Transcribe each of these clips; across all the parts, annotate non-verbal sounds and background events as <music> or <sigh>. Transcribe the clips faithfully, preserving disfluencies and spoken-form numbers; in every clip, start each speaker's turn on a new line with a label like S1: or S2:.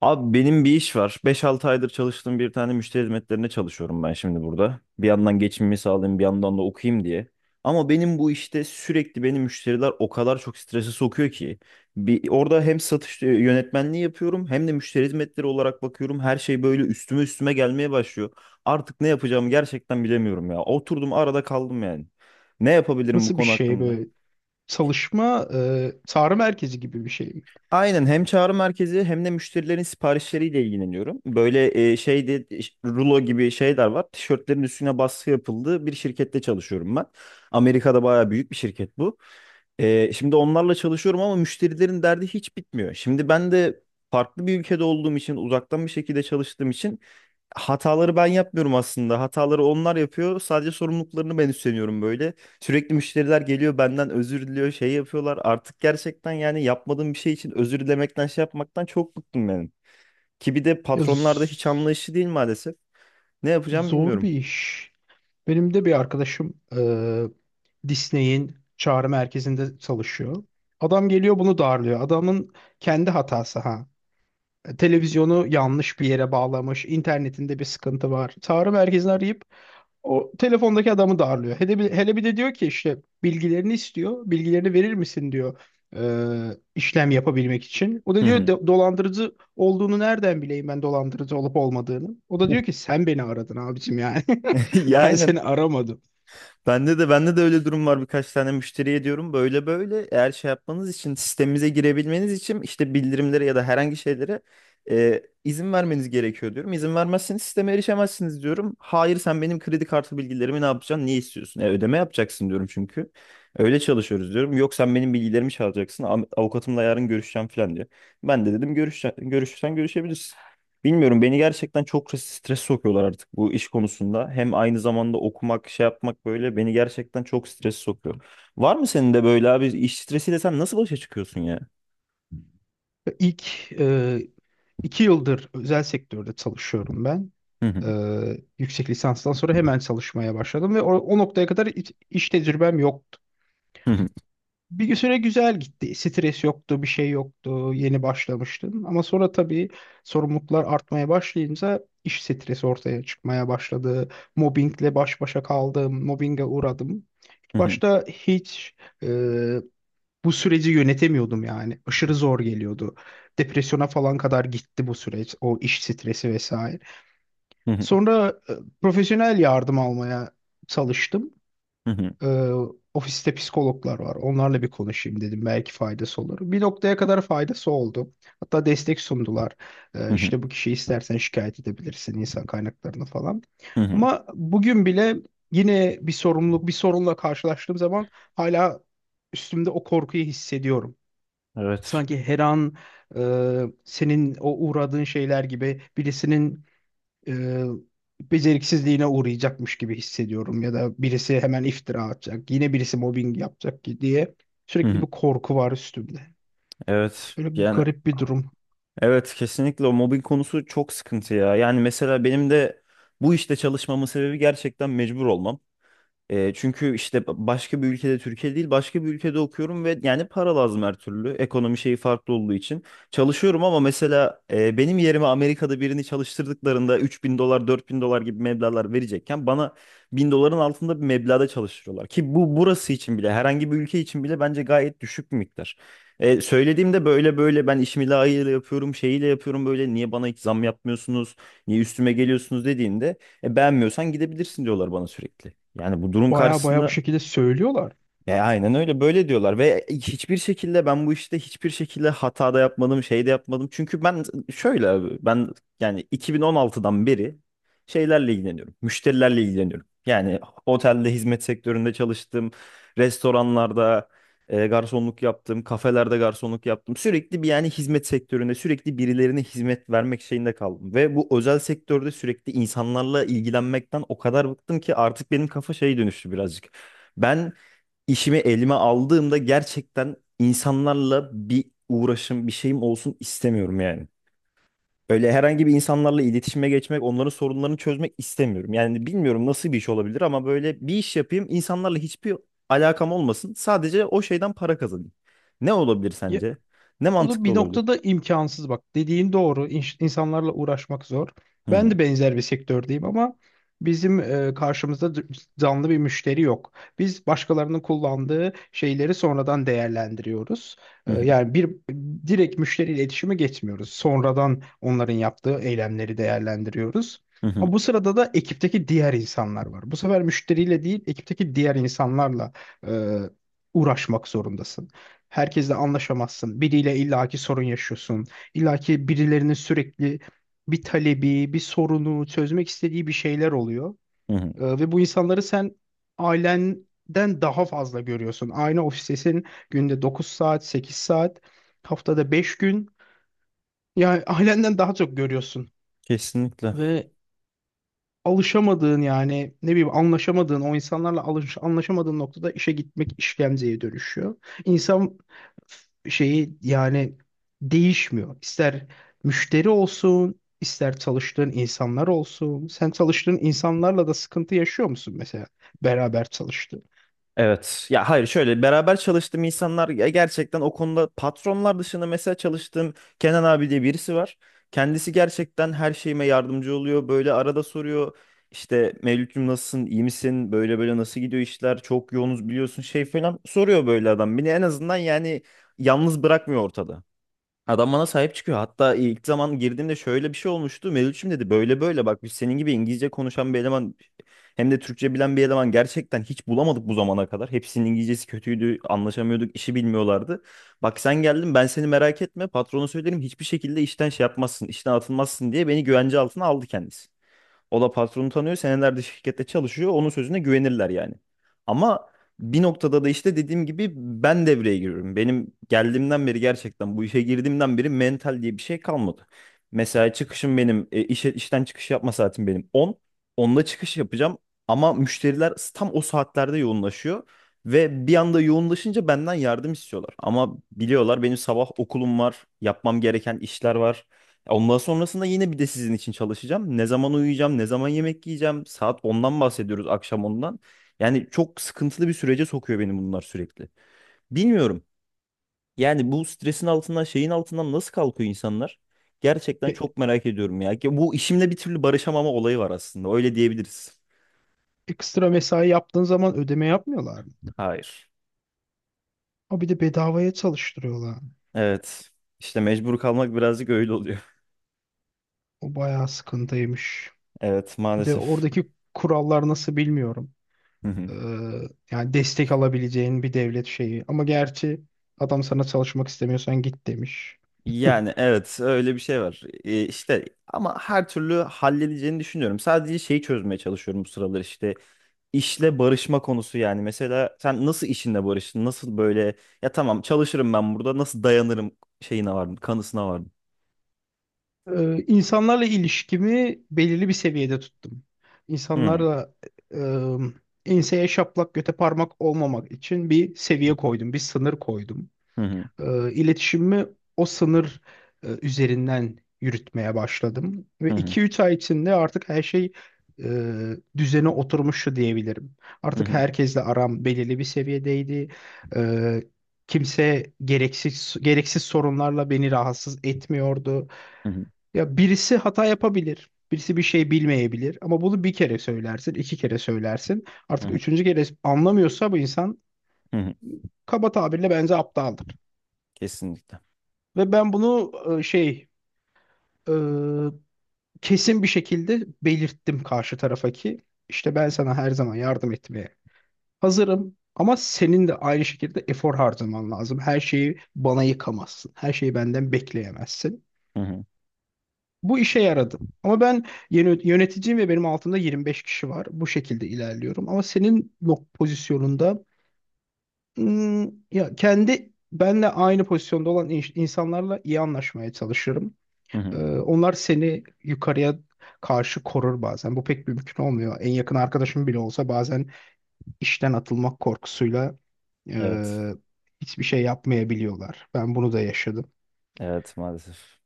S1: Abi benim bir iş var. Beş altı aydır çalıştığım bir tane müşteri hizmetlerine çalışıyorum ben şimdi burada. Bir yandan geçimimi sağlayayım, bir yandan da okuyayım diye. Ama benim bu işte sürekli beni müşteriler o kadar çok strese sokuyor ki. Bir, orada hem satış e, yönetmenliği yapıyorum hem de müşteri hizmetleri olarak bakıyorum. Her şey böyle üstüme üstüme gelmeye başlıyor. Artık ne yapacağımı gerçekten bilemiyorum ya. Oturdum arada kaldım yani. Ne yapabilirim bu
S2: Nasıl bir
S1: konu
S2: şey
S1: hakkında?
S2: böyle? Çalışma e, çağrı merkezi gibi bir şey mi?
S1: Aynen hem çağrı merkezi hem de müşterilerin siparişleriyle ilgileniyorum. Böyle e, şeyde rulo gibi şeyler var. Tişörtlerin üstüne baskı yapıldığı bir şirkette çalışıyorum ben. Amerika'da bayağı büyük bir şirket bu. E, şimdi onlarla çalışıyorum ama müşterilerin derdi hiç bitmiyor. Şimdi ben de farklı bir ülkede olduğum için uzaktan bir şekilde çalıştığım için hataları ben yapmıyorum aslında. Hataları onlar yapıyor. Sadece sorumluluklarını ben üstleniyorum böyle. Sürekli müşteriler geliyor benden özür diliyor şey yapıyorlar. Artık gerçekten yani yapmadığım bir şey için özür dilemekten şey yapmaktan çok bıktım benim. Ki bir de
S2: Ya
S1: patronlarda
S2: z-
S1: hiç anlayışı değil maalesef. Ne yapacağım
S2: Zor bir
S1: bilmiyorum.
S2: iş. Benim de bir arkadaşım e, Disney'in çağrı merkezinde çalışıyor. Adam geliyor bunu darlıyor. Adamın kendi hatası ha. E, Televizyonu yanlış bir yere bağlamış. İnternetinde bir sıkıntı var. Çağrı merkezini arayıp o telefondaki adamı darlıyor. Hele bir, hele bir de diyor ki, işte bilgilerini istiyor. "Bilgilerini verir misin?" diyor e, işlem yapabilmek için. O da
S1: Hı
S2: diyor,
S1: hı.
S2: "Do- dolandırıcı olduğunu nereden bileyim ben, dolandırıcı olup olmadığını?" O da diyor ki, "Sen beni aradın abicim yani."
S1: <laughs>
S2: <laughs>
S1: Ya
S2: Ben
S1: aynen.
S2: seni aramadım.
S1: Bende de bende de öyle durum var, birkaç tane müşteriye diyorum böyle böyle eğer şey yapmanız için sistemimize girebilmeniz için işte bildirimlere ya da herhangi şeylere e, izin vermeniz gerekiyor diyorum. İzin vermezseniz sisteme erişemezsiniz diyorum. Hayır, sen benim kredi kartı bilgilerimi ne yapacaksın? Niye istiyorsun? E, ödeme yapacaksın diyorum çünkü. Öyle çalışıyoruz diyorum. Yok sen benim bilgilerimi çalacaksın. Am- Avukatımla yarın görüşeceğim falan diyor. Ben de dedim görüşsen, görüşürsen görüşebilirsin. Bilmiyorum, beni gerçekten çok stres sokuyorlar artık bu iş konusunda. Hem aynı zamanda okumak, şey yapmak böyle beni gerçekten çok stres sokuyor. Var mı senin de böyle abi, iş stresiyle sen nasıl başa çıkıyorsun ya?
S2: İlk e, İki yıldır özel sektörde çalışıyorum ben.
S1: Hı hı,
S2: Ee, yüksek lisanstan sonra hemen çalışmaya başladım ve o, o noktaya kadar hiç- iş tecrübem yoktu.
S1: hı hı,
S2: Bir süre güzel gitti. Stres yoktu, bir şey yoktu. Yeni başlamıştım. Ama sonra tabii sorumluluklar artmaya başlayınca iş stresi ortaya çıkmaya başladı. Mobbingle baş başa kaldım, mobbinge uğradım. İlk
S1: hı
S2: başta hiç e, bu süreci yönetemiyordum yani. Aşırı zor geliyordu. Depresyona falan kadar gitti bu süreç, o iş stresi vesaire.
S1: hı, hı.
S2: Sonra e, profesyonel yardım almaya çalıştım.
S1: Hı, hı hı,
S2: E, Ofiste psikologlar var. Onlarla bir konuşayım dedim. Belki faydası olur. Bir noktaya kadar faydası oldu. Hatta destek sundular. E,
S1: hı
S2: işte bu kişiyi istersen şikayet edebilirsin, insan kaynaklarını falan.
S1: hı, hı.
S2: Ama bugün bile yine bir sorumluluk, bir sorunla karşılaştığım zaman hala üstümde o korkuyu hissediyorum.
S1: Evet.
S2: Sanki her an e, senin o uğradığın şeyler gibi birisinin e, beceriksizliğine uğrayacakmış gibi hissediyorum, ya da birisi hemen iftira atacak, yine birisi mobbing yapacak ki diye
S1: Hı
S2: sürekli
S1: hı.
S2: bir korku var üstümde.
S1: Evet.
S2: Böyle
S1: Yani
S2: garip bir durum.
S1: evet, kesinlikle o mobbing konusu çok sıkıntı ya. Yani mesela benim de bu işte çalışmamın sebebi gerçekten mecbur olmam. E, çünkü işte başka bir ülkede, Türkiye değil başka bir ülkede okuyorum ve yani para lazım her türlü. Ekonomi şeyi farklı olduğu için. Çalışıyorum ama mesela e, benim yerime Amerika'da birini çalıştırdıklarında üç bin dolar dört bin dolar gibi meblağlar verecekken bana bin doların altında bir meblağda çalıştırıyorlar. Ki bu burası için bile, herhangi bir ülke için bile bence gayet düşük bir miktar. E, söylediğimde böyle böyle, ben işimi layığıyla yapıyorum şeyiyle yapıyorum, böyle niye bana hiç zam yapmıyorsunuz, niye üstüme geliyorsunuz dediğinde e, beğenmiyorsan gidebilirsin diyorlar bana sürekli. Yani bu durum
S2: Baya baya bu
S1: karşısında
S2: şekilde söylüyorlar.
S1: e, aynen öyle böyle diyorlar ve hiçbir şekilde ben bu işte hiçbir şekilde hata da yapmadım şey de yapmadım. Çünkü ben şöyle abi, ben yani iki bin on altıdan beri şeylerle ilgileniyorum. Müşterilerle ilgileniyorum. Yani otelde hizmet sektöründe çalıştım. Restoranlarda e, garsonluk yaptım. Kafelerde garsonluk yaptım. Sürekli bir yani hizmet sektöründe sürekli birilerine hizmet vermek şeyinde kaldım. Ve bu özel sektörde sürekli insanlarla ilgilenmekten o kadar bıktım ki artık benim kafa şey dönüştü birazcık. Ben işimi elime aldığımda gerçekten insanlarla bir uğraşım, bir şeyim olsun istemiyorum yani. Öyle herhangi bir insanlarla iletişime geçmek, onların sorunlarını çözmek istemiyorum. Yani bilmiyorum nasıl bir iş olabilir ama böyle bir iş yapayım, insanlarla hiçbir alakam olmasın. Sadece o şeyden para kazanayım. Ne olabilir
S2: Ya,
S1: sence? Ne
S2: o da
S1: mantıklı
S2: bir
S1: olabilir?
S2: noktada imkansız bak. Dediğin doğru. İnş- insanlarla uğraşmak zor.
S1: Hı
S2: Ben
S1: hı,
S2: de benzer bir sektördeyim ama bizim e, karşımızda d- canlı bir müşteri yok. Biz başkalarının kullandığı şeyleri sonradan değerlendiriyoruz.
S1: hı
S2: E,
S1: hı,
S2: yani bir direkt müşteriyle iletişime geçmiyoruz. Sonradan onların yaptığı eylemleri değerlendiriyoruz.
S1: hı hı,
S2: Ama bu sırada da ekipteki diğer insanlar var. Bu sefer müşteriyle değil, ekipteki diğer insanlarla e, uğraşmak zorundasın. Herkesle anlaşamazsın. Biriyle illaki sorun yaşıyorsun. İllaki birilerinin sürekli bir talebi, bir sorunu, çözmek istediği bir şeyler oluyor.
S1: hı hı.
S2: Ee, ve bu insanları sen ailenden daha fazla görüyorsun. Aynı ofistesin, günde dokuz saat, sekiz saat, haftada beş gün. Yani ailenden daha çok görüyorsun.
S1: Kesinlikle.
S2: Ve alışamadığın, yani ne bileyim, anlaşamadığın o insanlarla alış, anlaşamadığın noktada işe gitmek işkenceye dönüşüyor. İnsan şeyi yani değişmiyor. İster müşteri olsun, ister çalıştığın insanlar olsun. Sen çalıştığın insanlarla da sıkıntı yaşıyor musun mesela, beraber çalıştığın?
S1: Evet. Ya hayır, şöyle beraber çalıştığım insanlar, ya gerçekten o konuda patronlar dışında mesela çalıştığım Kenan abi diye birisi var. Kendisi gerçekten her şeyime yardımcı oluyor. Böyle arada soruyor işte Mevlüt'cüm nasılsın, iyi misin, böyle böyle nasıl gidiyor işler, çok yoğunuz biliyorsun şey falan, soruyor böyle adam. Beni en azından yani yalnız bırakmıyor ortada. Adam bana sahip çıkıyor. Hatta ilk zaman girdiğimde şöyle bir şey olmuştu. Mevlütçüm dedi, böyle böyle bak, biz senin gibi İngilizce konuşan bir eleman, hem de Türkçe bilen bir eleman gerçekten hiç bulamadık bu zamana kadar. Hepsinin İngilizcesi kötüydü, anlaşamıyorduk, işi bilmiyorlardı. Bak sen geldin, ben seni merak etme, patrona söylerim, hiçbir şekilde işten şey yapmazsın, işten atılmazsın diye beni güvence altına aldı kendisi. O da patronu tanıyor. Senelerde şirkette çalışıyor. Onun sözüne güvenirler yani. Ama bir noktada da işte dediğim gibi ben devreye giriyorum. Benim geldiğimden beri, gerçekten bu işe girdiğimden beri mental diye bir şey kalmadı. Mesela çıkışım benim e, işe, işten çıkış yapma saatim benim on Onda çıkış yapacağım ama müşteriler tam o saatlerde yoğunlaşıyor. Ve bir anda yoğunlaşınca benden yardım istiyorlar. Ama biliyorlar benim sabah okulum var, yapmam gereken işler var. Ondan sonrasında yine bir de sizin için çalışacağım. Ne zaman uyuyacağım, ne zaman yemek yiyeceğim. Saat ondan bahsediyoruz, akşam ondan. Yani çok sıkıntılı bir sürece sokuyor beni bunlar sürekli. Bilmiyorum. Yani bu stresin altından, şeyin altından nasıl kalkıyor insanlar? Gerçekten
S2: E,
S1: çok merak ediyorum ya. Ki bu işimle bir türlü barışamama olayı var aslında. Öyle diyebiliriz.
S2: Ekstra mesai yaptığın zaman ödeme yapmıyorlar mı?
S1: Hayır.
S2: O bir de bedavaya çalıştırıyorlar.
S1: Evet. İşte mecbur kalmak birazcık öyle oluyor. <laughs>
S2: O bayağı sıkıntıymış.
S1: Evet,
S2: Bir de
S1: maalesef.
S2: oradaki kurallar nasıl bilmiyorum. Ee,
S1: <laughs>
S2: Yani destek alabileceğin bir devlet şeyi. Ama gerçi adam sana çalışmak istemiyorsan git demiş. <laughs>
S1: Yani evet, öyle bir şey var. Ee, işte ama her türlü halledeceğini düşünüyorum. Sadece şeyi çözmeye çalışıyorum bu sıralar, işte işle barışma konusu yani. Mesela sen nasıl işinle barıştın? Nasıl böyle ya tamam çalışırım ben burada nasıl dayanırım şeyine vardım, kanısına vardım.
S2: Ee, insanlarla ilişkimi belirli bir seviyede tuttum.
S1: Hı
S2: İnsanlarla e, ıı, enseye şaplak göte parmak olmamak için bir seviye koydum, bir sınır koydum.
S1: hı, hı
S2: e, iletişimimi o sınır e, üzerinden yürütmeye başladım. Ve
S1: hı, hı
S2: iki üç ay içinde artık her şey e, düzene oturmuştu diyebilirim.
S1: hı,
S2: Artık
S1: hı
S2: herkesle aram belirli bir seviyedeydi. E, Kimse gereksiz gereksiz sorunlarla beni rahatsız etmiyordu.
S1: hı, hı
S2: Ya, birisi hata yapabilir. Birisi bir şey bilmeyebilir, ama bunu bir kere söylersin, iki kere söylersin. Artık
S1: hı,
S2: üçüncü kere anlamıyorsa bu insan
S1: hı hı.
S2: kaba tabirle bence aptaldır.
S1: Kesinlikle.
S2: Ve ben bunu e, şey e, kesin bir şekilde belirttim karşı tarafa ki, işte, ben sana her zaman yardım etmeye hazırım ama senin de aynı şekilde efor harcaman lazım. Her şeyi bana yıkamazsın. Her şeyi benden bekleyemezsin.
S1: Hı hı,
S2: Bu işe yaradı. Ama ben yeni yöneticiyim ve benim altımda yirmi beş kişi var. Bu şekilde ilerliyorum. Ama senin nok pozisyonunda, hmm, ya kendi, benle aynı pozisyonda olan in- insanlarla iyi anlaşmaya çalışırım.
S1: hı hı.
S2: Ee, onlar seni yukarıya karşı korur bazen. Bu pek mümkün olmuyor. En yakın arkadaşım bile olsa bazen işten atılmak korkusuyla
S1: Evet.
S2: e, hiçbir şey yapmayabiliyorlar. Ben bunu da yaşadım.
S1: Evet, maalesef.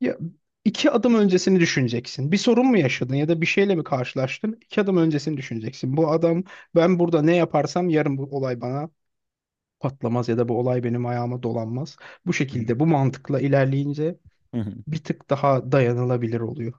S2: Ya, iki adım öncesini düşüneceksin. Bir sorun mu yaşadın, ya da bir şeyle mi karşılaştın? İki adım öncesini düşüneceksin. Bu adam, ben burada ne yaparsam yarın bu olay bana patlamaz ya da bu olay benim ayağıma dolanmaz. Bu
S1: Hı hı,
S2: şekilde, bu mantıkla ilerleyince
S1: hı hı.
S2: bir tık daha dayanılabilir oluyor.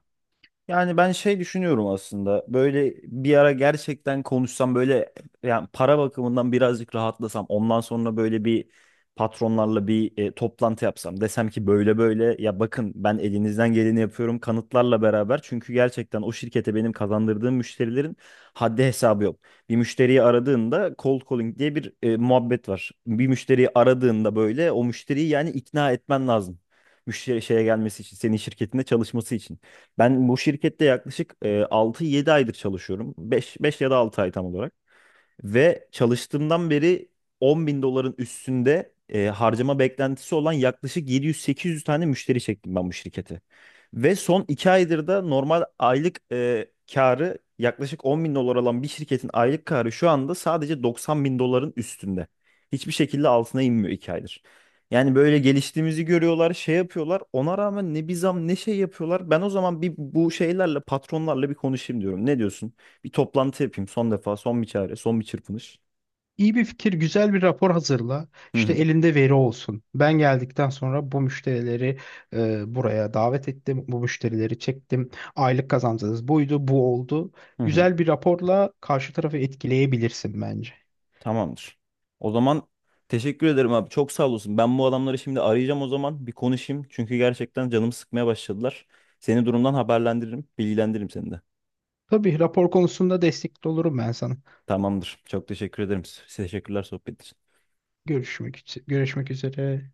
S1: Yani ben şey düşünüyorum aslında. Böyle bir ara gerçekten konuşsam, böyle yani para bakımından birazcık rahatlasam. Ondan sonra böyle bir, patronlarla bir e, toplantı yapsam. Desem ki böyle böyle ya bakın ben elinizden geleni yapıyorum, kanıtlarla beraber. Çünkü gerçekten o şirkete benim kazandırdığım müşterilerin haddi hesabı yok. Bir müşteriyi aradığında cold calling diye bir e, muhabbet var. Bir müşteriyi aradığında böyle o müşteriyi yani ikna etmen lazım. Müşteri şeye gelmesi için, senin şirketinde çalışması için. Ben bu şirkette yaklaşık e, altı yedi aydır çalışıyorum. beş beş ya da altı ay tam olarak. Ve çalıştığımdan beri on bin doların üstünde e, harcama beklentisi olan yaklaşık yedi yüz sekiz yüz tane müşteri çektim ben bu şirkete. Ve son iki aydır da normal aylık e, karı yaklaşık on bin dolar olan bir şirketin aylık karı şu anda sadece doksan bin doların üstünde. Hiçbir şekilde altına inmiyor iki aydır. Yani böyle geliştiğimizi görüyorlar, şey yapıyorlar. Ona rağmen ne bir zam ne şey yapıyorlar. Ben o zaman bir bu şeylerle, patronlarla bir konuşayım diyorum. Ne diyorsun? Bir toplantı yapayım son defa, son bir çare, son bir çırpınış.
S2: İyi bir fikir, güzel bir rapor hazırla.
S1: Hı
S2: İşte
S1: hı.
S2: elinde veri olsun. Ben geldikten sonra bu müşterileri e, buraya davet ettim. Bu müşterileri çektim. Aylık kazancınız buydu, bu oldu.
S1: Hı hı.
S2: Güzel bir raporla karşı tarafı etkileyebilirsin bence.
S1: Tamamdır. O zaman teşekkür ederim abi. Çok sağ olasın. Ben bu adamları şimdi arayacağım o zaman. Bir konuşayım. Çünkü gerçekten canımı sıkmaya başladılar. Seni durumdan haberlendiririm. Bilgilendiririm seni de.
S2: Tabii rapor konusunda destekli olurum ben sana.
S1: Tamamdır. Çok teşekkür ederim. Teşekkürler sohbet için.
S2: Görüşmek, üz- görüşmek üzere.